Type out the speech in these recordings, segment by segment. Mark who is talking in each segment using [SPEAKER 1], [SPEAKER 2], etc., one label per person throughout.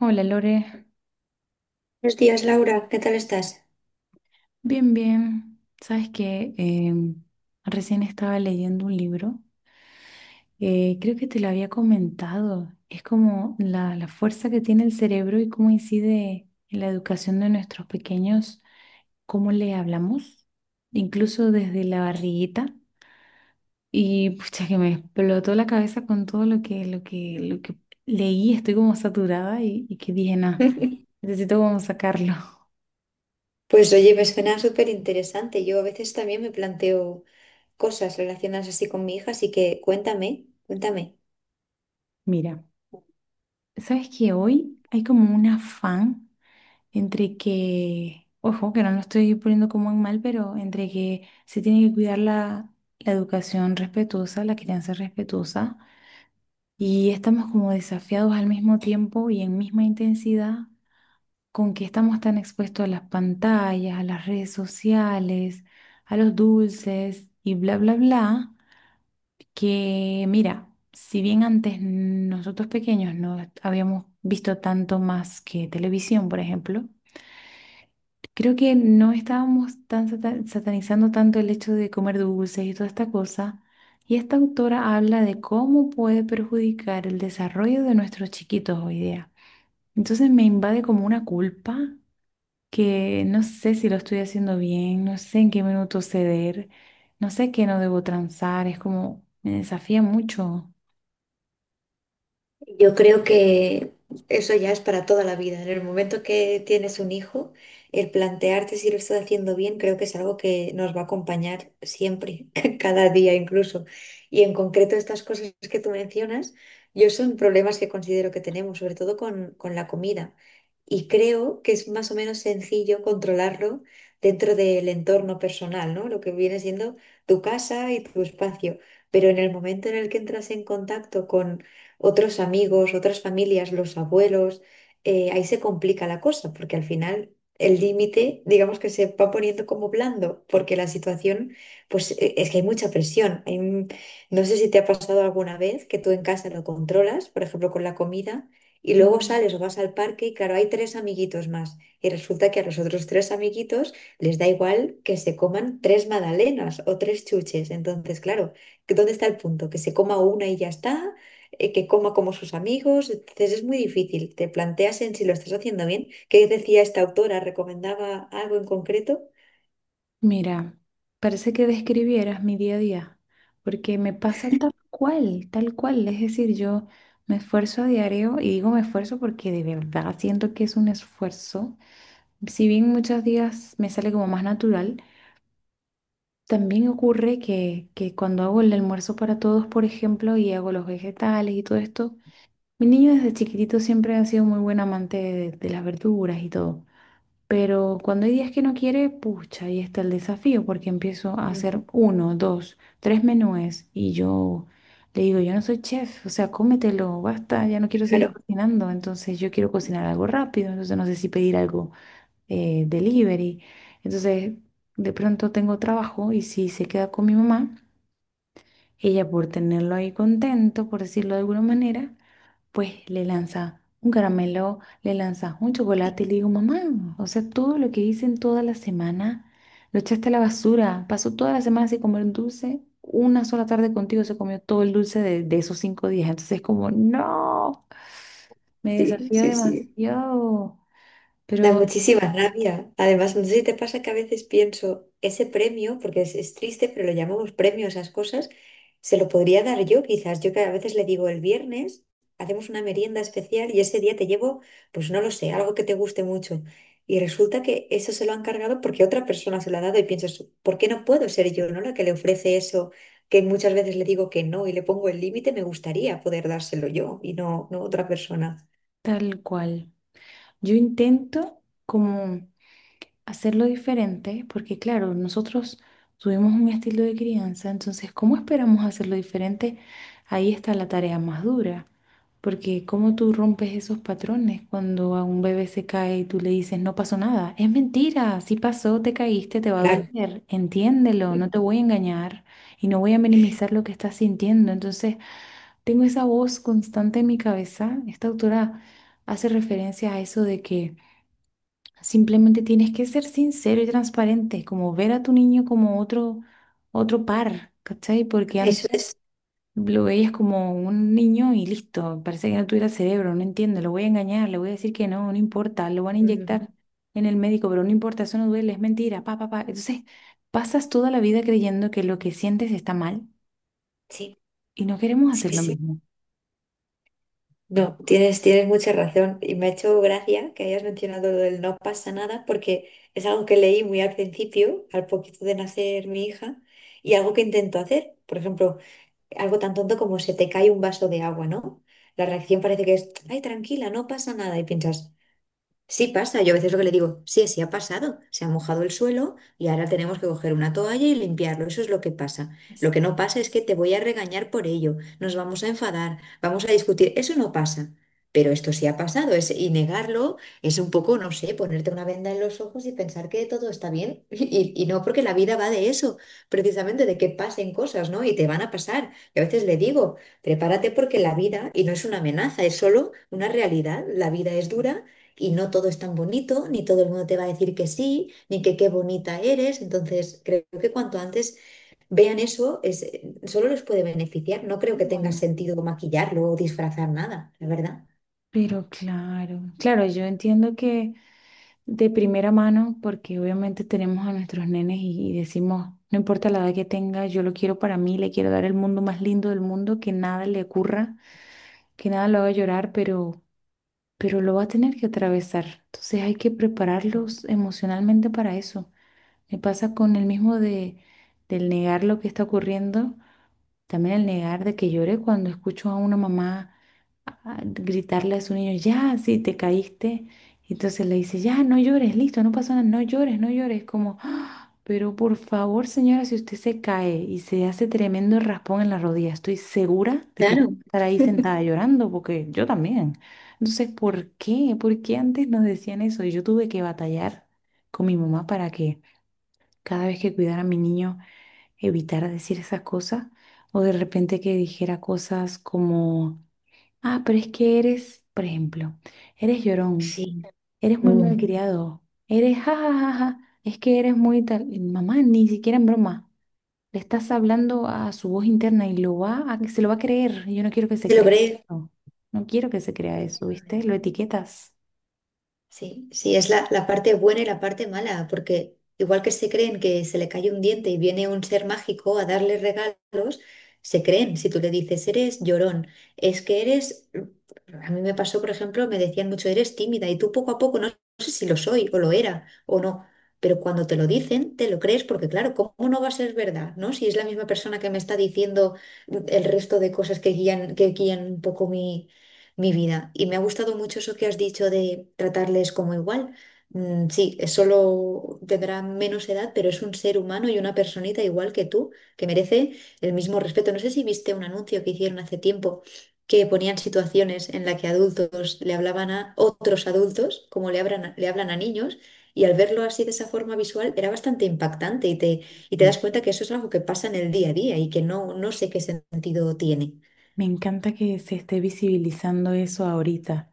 [SPEAKER 1] Hola Lore,
[SPEAKER 2] Buenos días, Laura, ¿qué tal estás?
[SPEAKER 1] bien, bien. Sabes que recién estaba leyendo un libro. Creo que te lo había comentado, es como la fuerza que tiene el cerebro y cómo incide en la educación de nuestros pequeños, cómo le hablamos, incluso desde la barriguita. Y pucha, que me explotó la cabeza con todo lo que leí. Estoy como saturada y que dije, nada, necesito como sacarlo.
[SPEAKER 2] Pues oye, me suena súper interesante. Yo a veces también me planteo cosas relacionadas así con mi hija, así que cuéntame, cuéntame.
[SPEAKER 1] Mira. Sabes que hoy hay como un afán entre que, ojo, que no lo estoy poniendo como en mal, pero entre que se tiene que cuidar la, la educación respetuosa, la crianza respetuosa, y estamos como desafiados al mismo tiempo y en misma intensidad con que estamos tan expuestos a las pantallas, a las redes sociales, a los dulces y bla, bla, bla, que mira, si bien antes nosotros pequeños no habíamos visto tanto más que televisión, por ejemplo, creo que no estábamos tan satanizando tanto el hecho de comer dulces y toda esta cosa. Y esta autora habla de cómo puede perjudicar el desarrollo de nuestros chiquitos hoy día. Entonces me invade como una culpa que no sé si lo estoy haciendo bien, no sé en qué minuto ceder, no sé qué no debo transar, es como me desafía mucho.
[SPEAKER 2] Yo creo que eso ya es para toda la vida. En el momento que tienes un hijo, el plantearte si lo estás haciendo bien, creo que es algo que nos va a acompañar siempre, cada día incluso. Y en concreto estas cosas que tú mencionas, yo son problemas que considero que tenemos, sobre todo con la comida. Y creo que es más o menos sencillo controlarlo dentro del entorno personal, ¿no? Lo que viene siendo tu casa y tu espacio. Pero en el momento en el que entras en contacto otros amigos, otras familias, los abuelos, ahí se complica la cosa, porque al final el límite, digamos que se va poniendo como blando, porque la situación, pues es que hay mucha presión. No sé si te ha pasado alguna vez que tú en casa lo controlas, por ejemplo, con la comida. Y luego
[SPEAKER 1] Mm.
[SPEAKER 2] sales o vas al parque y claro, hay tres amiguitos más. Y resulta que a los otros tres amiguitos les da igual que se coman tres magdalenas o tres chuches. Entonces, claro, ¿que ¿dónde está el punto? ¿Que se coma una y ya está? Que coma como sus amigos. Entonces es muy difícil. Te planteas en si lo estás haciendo bien. ¿Qué decía esta autora? ¿Recomendaba algo en concreto?
[SPEAKER 1] Mira, parece que describieras mi día a día, porque me pasa tal cual, tal cual. Es decir, yo me esfuerzo a diario y digo me esfuerzo porque de verdad siento que es un esfuerzo. Si bien muchos días me sale como más natural, también ocurre que cuando hago el almuerzo para todos, por ejemplo, y hago los vegetales y todo esto, mi niño desde chiquitito siempre ha sido muy buen amante de las verduras y todo. Pero cuando hay días que no quiere, pucha, ahí está el desafío, porque empiezo a
[SPEAKER 2] Ujú.
[SPEAKER 1] hacer uno, dos, tres menúes y yo le digo, yo no soy chef, o sea, cómetelo, basta, ya no quiero seguir
[SPEAKER 2] Claro,
[SPEAKER 1] cocinando, entonces yo quiero cocinar algo rápido, entonces no sé si pedir algo delivery. Entonces, de pronto tengo trabajo y si se queda con mi mamá. Ella, por tenerlo ahí contento, por decirlo de alguna manera, pues le lanza un caramelo, le lanza un chocolate y le digo, mamá, o sea, todo lo que hice en toda la semana lo echaste a la basura. Pasó toda la semana sin comer dulce. Una sola tarde contigo se comió todo el dulce de esos cinco días. Entonces es como, no, me
[SPEAKER 2] sí,
[SPEAKER 1] desafió
[SPEAKER 2] sí, sí.
[SPEAKER 1] demasiado,
[SPEAKER 2] Da
[SPEAKER 1] pero
[SPEAKER 2] muchísima rabia. Además, no sé si te pasa que a veces pienso, ese premio, porque es triste, pero lo llamamos premio a esas cosas, se lo podría dar yo quizás. Yo que a veces le digo, el viernes hacemos una merienda especial y ese día te llevo, pues no lo sé, algo que te guste mucho. Y resulta que eso se lo han cargado porque otra persona se lo ha dado y pienso, ¿por qué no puedo ser yo, no? La que le ofrece eso, que muchas veces le digo que no y le pongo el límite, me gustaría poder dárselo yo y no, no otra persona.
[SPEAKER 1] tal cual. Yo intento como hacerlo diferente, porque claro, nosotros tuvimos un estilo de crianza, entonces, ¿cómo esperamos hacerlo diferente? Ahí está la tarea más dura, porque ¿cómo tú rompes esos patrones cuando a un bebé se cae y tú le dices, no pasó nada? Es mentira, si pasó, te caíste, te va a
[SPEAKER 2] Claro,
[SPEAKER 1] doler, entiéndelo, no te voy a engañar y no voy a minimizar lo que estás sintiendo. Entonces, tengo esa voz constante en mi cabeza. Esta autora hace referencia a eso de que simplemente tienes que ser sincero y transparente, como ver a tu niño como otro, otro par, ¿cachai? Porque antes
[SPEAKER 2] eso es...
[SPEAKER 1] lo veías como un niño y listo, parece que no tuviera cerebro, no entiendo, lo voy a engañar, le voy a decir que no, no importa, lo van a
[SPEAKER 2] Mm.
[SPEAKER 1] inyectar en el médico, pero no importa, eso no duele, es mentira, pa, pa, pa. Entonces, pasas toda la vida creyendo que lo que sientes está mal
[SPEAKER 2] Sí,
[SPEAKER 1] y no queremos
[SPEAKER 2] sí,
[SPEAKER 1] hacer lo
[SPEAKER 2] sí.
[SPEAKER 1] mismo.
[SPEAKER 2] No, tienes mucha razón. Y me ha hecho gracia que hayas mencionado lo del no pasa nada, porque es algo que leí muy al principio, al poquito de nacer mi hija, y algo que intento hacer. Por ejemplo, algo tan tonto como se te cae un vaso de agua, ¿no? La reacción parece que es, ay, tranquila, no pasa nada. Y piensas, sí pasa, yo a veces lo que le digo, sí, sí ha pasado, se ha mojado el suelo y ahora tenemos que coger una toalla y limpiarlo, eso es lo que pasa. Lo
[SPEAKER 1] Es-
[SPEAKER 2] que no pasa es que te voy a regañar por ello, nos vamos a enfadar, vamos a discutir, eso no pasa, pero esto sí ha pasado, es, y negarlo es un poco, no sé, ponerte una venda en los ojos y pensar que todo está bien, y no porque la vida va de eso, precisamente de que pasen cosas, ¿no? Y te van a pasar. Y a veces le digo, prepárate porque la vida, y no es una amenaza, es solo una realidad, la vida es dura y no todo es tan bonito, ni todo el mundo te va a decir que sí, ni que qué bonita eres. Entonces, creo que cuanto antes vean eso, es, solo les puede beneficiar. No creo que tenga
[SPEAKER 1] no.
[SPEAKER 2] sentido maquillarlo o disfrazar nada, la verdad.
[SPEAKER 1] Pero claro, claro, yo entiendo que de primera mano, porque obviamente tenemos a nuestros nenes y decimos, no importa la edad que tenga, yo lo quiero para mí, le quiero dar el mundo más lindo del mundo, que nada le ocurra, que nada lo haga llorar, pero lo va a tener que atravesar. Entonces hay que prepararlos emocionalmente para eso. Me pasa con el mismo de, del negar lo que está ocurriendo, también el negar de que llore cuando escucho a una mamá a gritarle a su niño, ya, sí, te caíste. Y entonces le dice, ya, no llores, listo, no pasa nada, no llores, no llores. Como, "Ah, pero por favor, señora, si usted se cae y se hace tremendo raspón en la rodilla, estoy segura de que usted
[SPEAKER 2] Claro.
[SPEAKER 1] va a estar ahí sentada llorando, porque yo también. Entonces, ¿por qué? ¿Por qué antes nos decían eso? Y yo tuve que batallar con mi mamá para que cada vez que cuidara a mi niño evitara decir esas cosas. O de repente que dijera cosas como ah, pero es que eres, por ejemplo, eres llorón,
[SPEAKER 2] Sí.
[SPEAKER 1] eres muy
[SPEAKER 2] Mm.
[SPEAKER 1] malcriado, eres jajajaja, es que eres muy tal. Mamá, ni siquiera en broma. Le estás hablando a su voz interna y lo va a, se lo va a creer. Yo no quiero que se
[SPEAKER 2] ¿Se lo
[SPEAKER 1] crea.
[SPEAKER 2] cree?
[SPEAKER 1] No, no quiero que se crea eso, ¿viste? Lo
[SPEAKER 2] Efectivamente.
[SPEAKER 1] etiquetas.
[SPEAKER 2] Sí, sí, es la parte buena y la parte mala, porque igual que se creen que se le cae un diente y viene un ser mágico a darle regalos, se creen, si tú le dices, eres llorón, es que eres, a mí me pasó, por ejemplo, me decían mucho, eres tímida y tú poco a poco, no, no sé si lo soy o lo era o no, pero cuando te lo dicen, te lo crees, porque claro, ¿cómo no va a ser verdad, no? Si es la misma persona que me está diciendo el resto de cosas que guían un poco mi vida. Y me ha gustado mucho eso que has dicho de tratarles como igual. Mm, sí, es solo tendrá menos edad, pero es un ser humano y una personita igual que tú, que merece el mismo respeto. No sé si viste un anuncio que hicieron hace tiempo que ponían situaciones en la que adultos le hablaban a otros adultos, como le hablan a niños, y al verlo así de esa forma visual era bastante impactante y te
[SPEAKER 1] Mm.
[SPEAKER 2] das cuenta que eso es algo que pasa en el día a día y que no, no sé qué sentido tiene.
[SPEAKER 1] Me encanta que se esté visibilizando eso ahorita.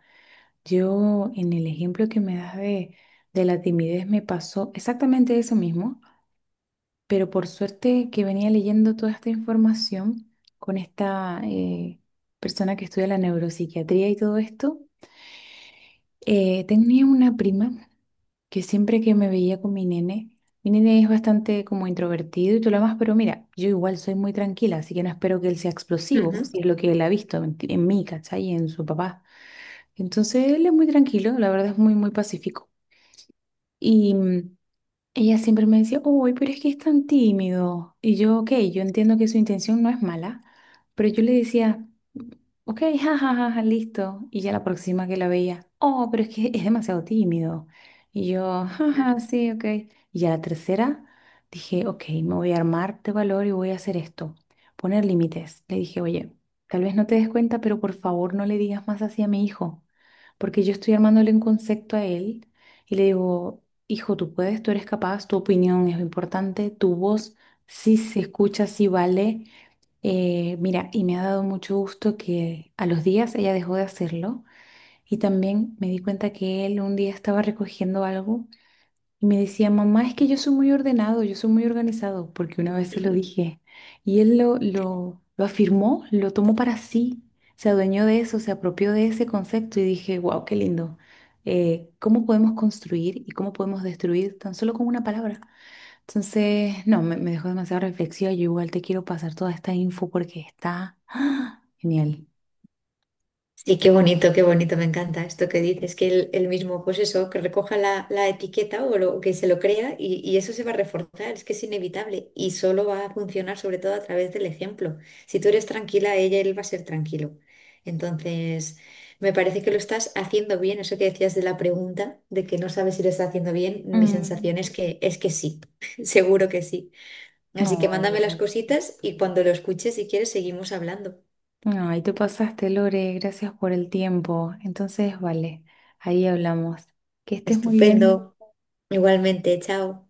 [SPEAKER 1] Yo, en el ejemplo que me das de la timidez, me pasó exactamente eso mismo. Pero por suerte que venía leyendo toda esta información con esta persona que estudia la neuropsiquiatría y todo esto. Tenía una prima que siempre que me veía con mi nene es bastante como introvertido y todo lo demás, pero mira, yo igual soy muy tranquila, así que no espero que él sea explosivo,
[SPEAKER 2] Ujú,
[SPEAKER 1] si es lo que él ha visto en, en mí, ¿cachai? Y en su papá. Entonces él es muy tranquilo, la verdad es muy, muy pacífico. y mm, Ella siempre me decía, uy, pero es que es tan tímido. Y yo, ok, yo entiendo que su intención no es mala, pero yo le decía, ok, jajaja, listo. Y ya la próxima que la veía, oh, pero es que es demasiado tímido. Y yo, jaja, sí, ok. Y ya la tercera, dije, ok, me voy a armar de valor y voy a hacer esto, poner límites. Le dije, oye, tal vez no te des cuenta, pero por favor no le digas más así a mi hijo, porque yo estoy armándole un concepto a él y le digo, hijo, tú puedes, tú eres capaz, tu opinión es importante, tu voz sí se escucha, sí vale. Mira, y me ha dado mucho gusto que a los días ella dejó de hacerlo y también me di cuenta que él un día estaba recogiendo algo y me decía, mamá, es que yo soy muy ordenado, yo soy muy organizado, porque una vez se lo
[SPEAKER 2] claro.
[SPEAKER 1] dije y él lo afirmó, lo tomó para sí, se adueñó de eso, se apropió de ese concepto y dije, wow, qué lindo. ¿Cómo podemos construir y cómo podemos destruir tan solo con una palabra? Entonces, no, me dejó demasiado reflexiva. Yo igual te quiero pasar toda esta info porque está ¡ah! Genial.
[SPEAKER 2] Sí, qué bonito, me encanta esto que dices, que él mismo, pues eso, que recoja la etiqueta o lo, que se lo crea y eso se va a reforzar, es que es inevitable y solo va a funcionar sobre todo a través del ejemplo. Si tú eres tranquila, ella, él va a ser tranquilo. Entonces, me parece que lo estás haciendo bien, eso que decías de la pregunta, de que no sabes si lo estás haciendo bien, mi
[SPEAKER 1] Mm.
[SPEAKER 2] sensación es que sí, seguro que sí. Así que
[SPEAKER 1] Ay,
[SPEAKER 2] mándame las
[SPEAKER 1] gra-
[SPEAKER 2] cositas y cuando lo escuches, si quieres, seguimos hablando.
[SPEAKER 1] Ay, te pasaste, Lore. Gracias por el tiempo. Entonces, vale, ahí hablamos. Que estés muy bien.
[SPEAKER 2] Estupendo. Igualmente, chao.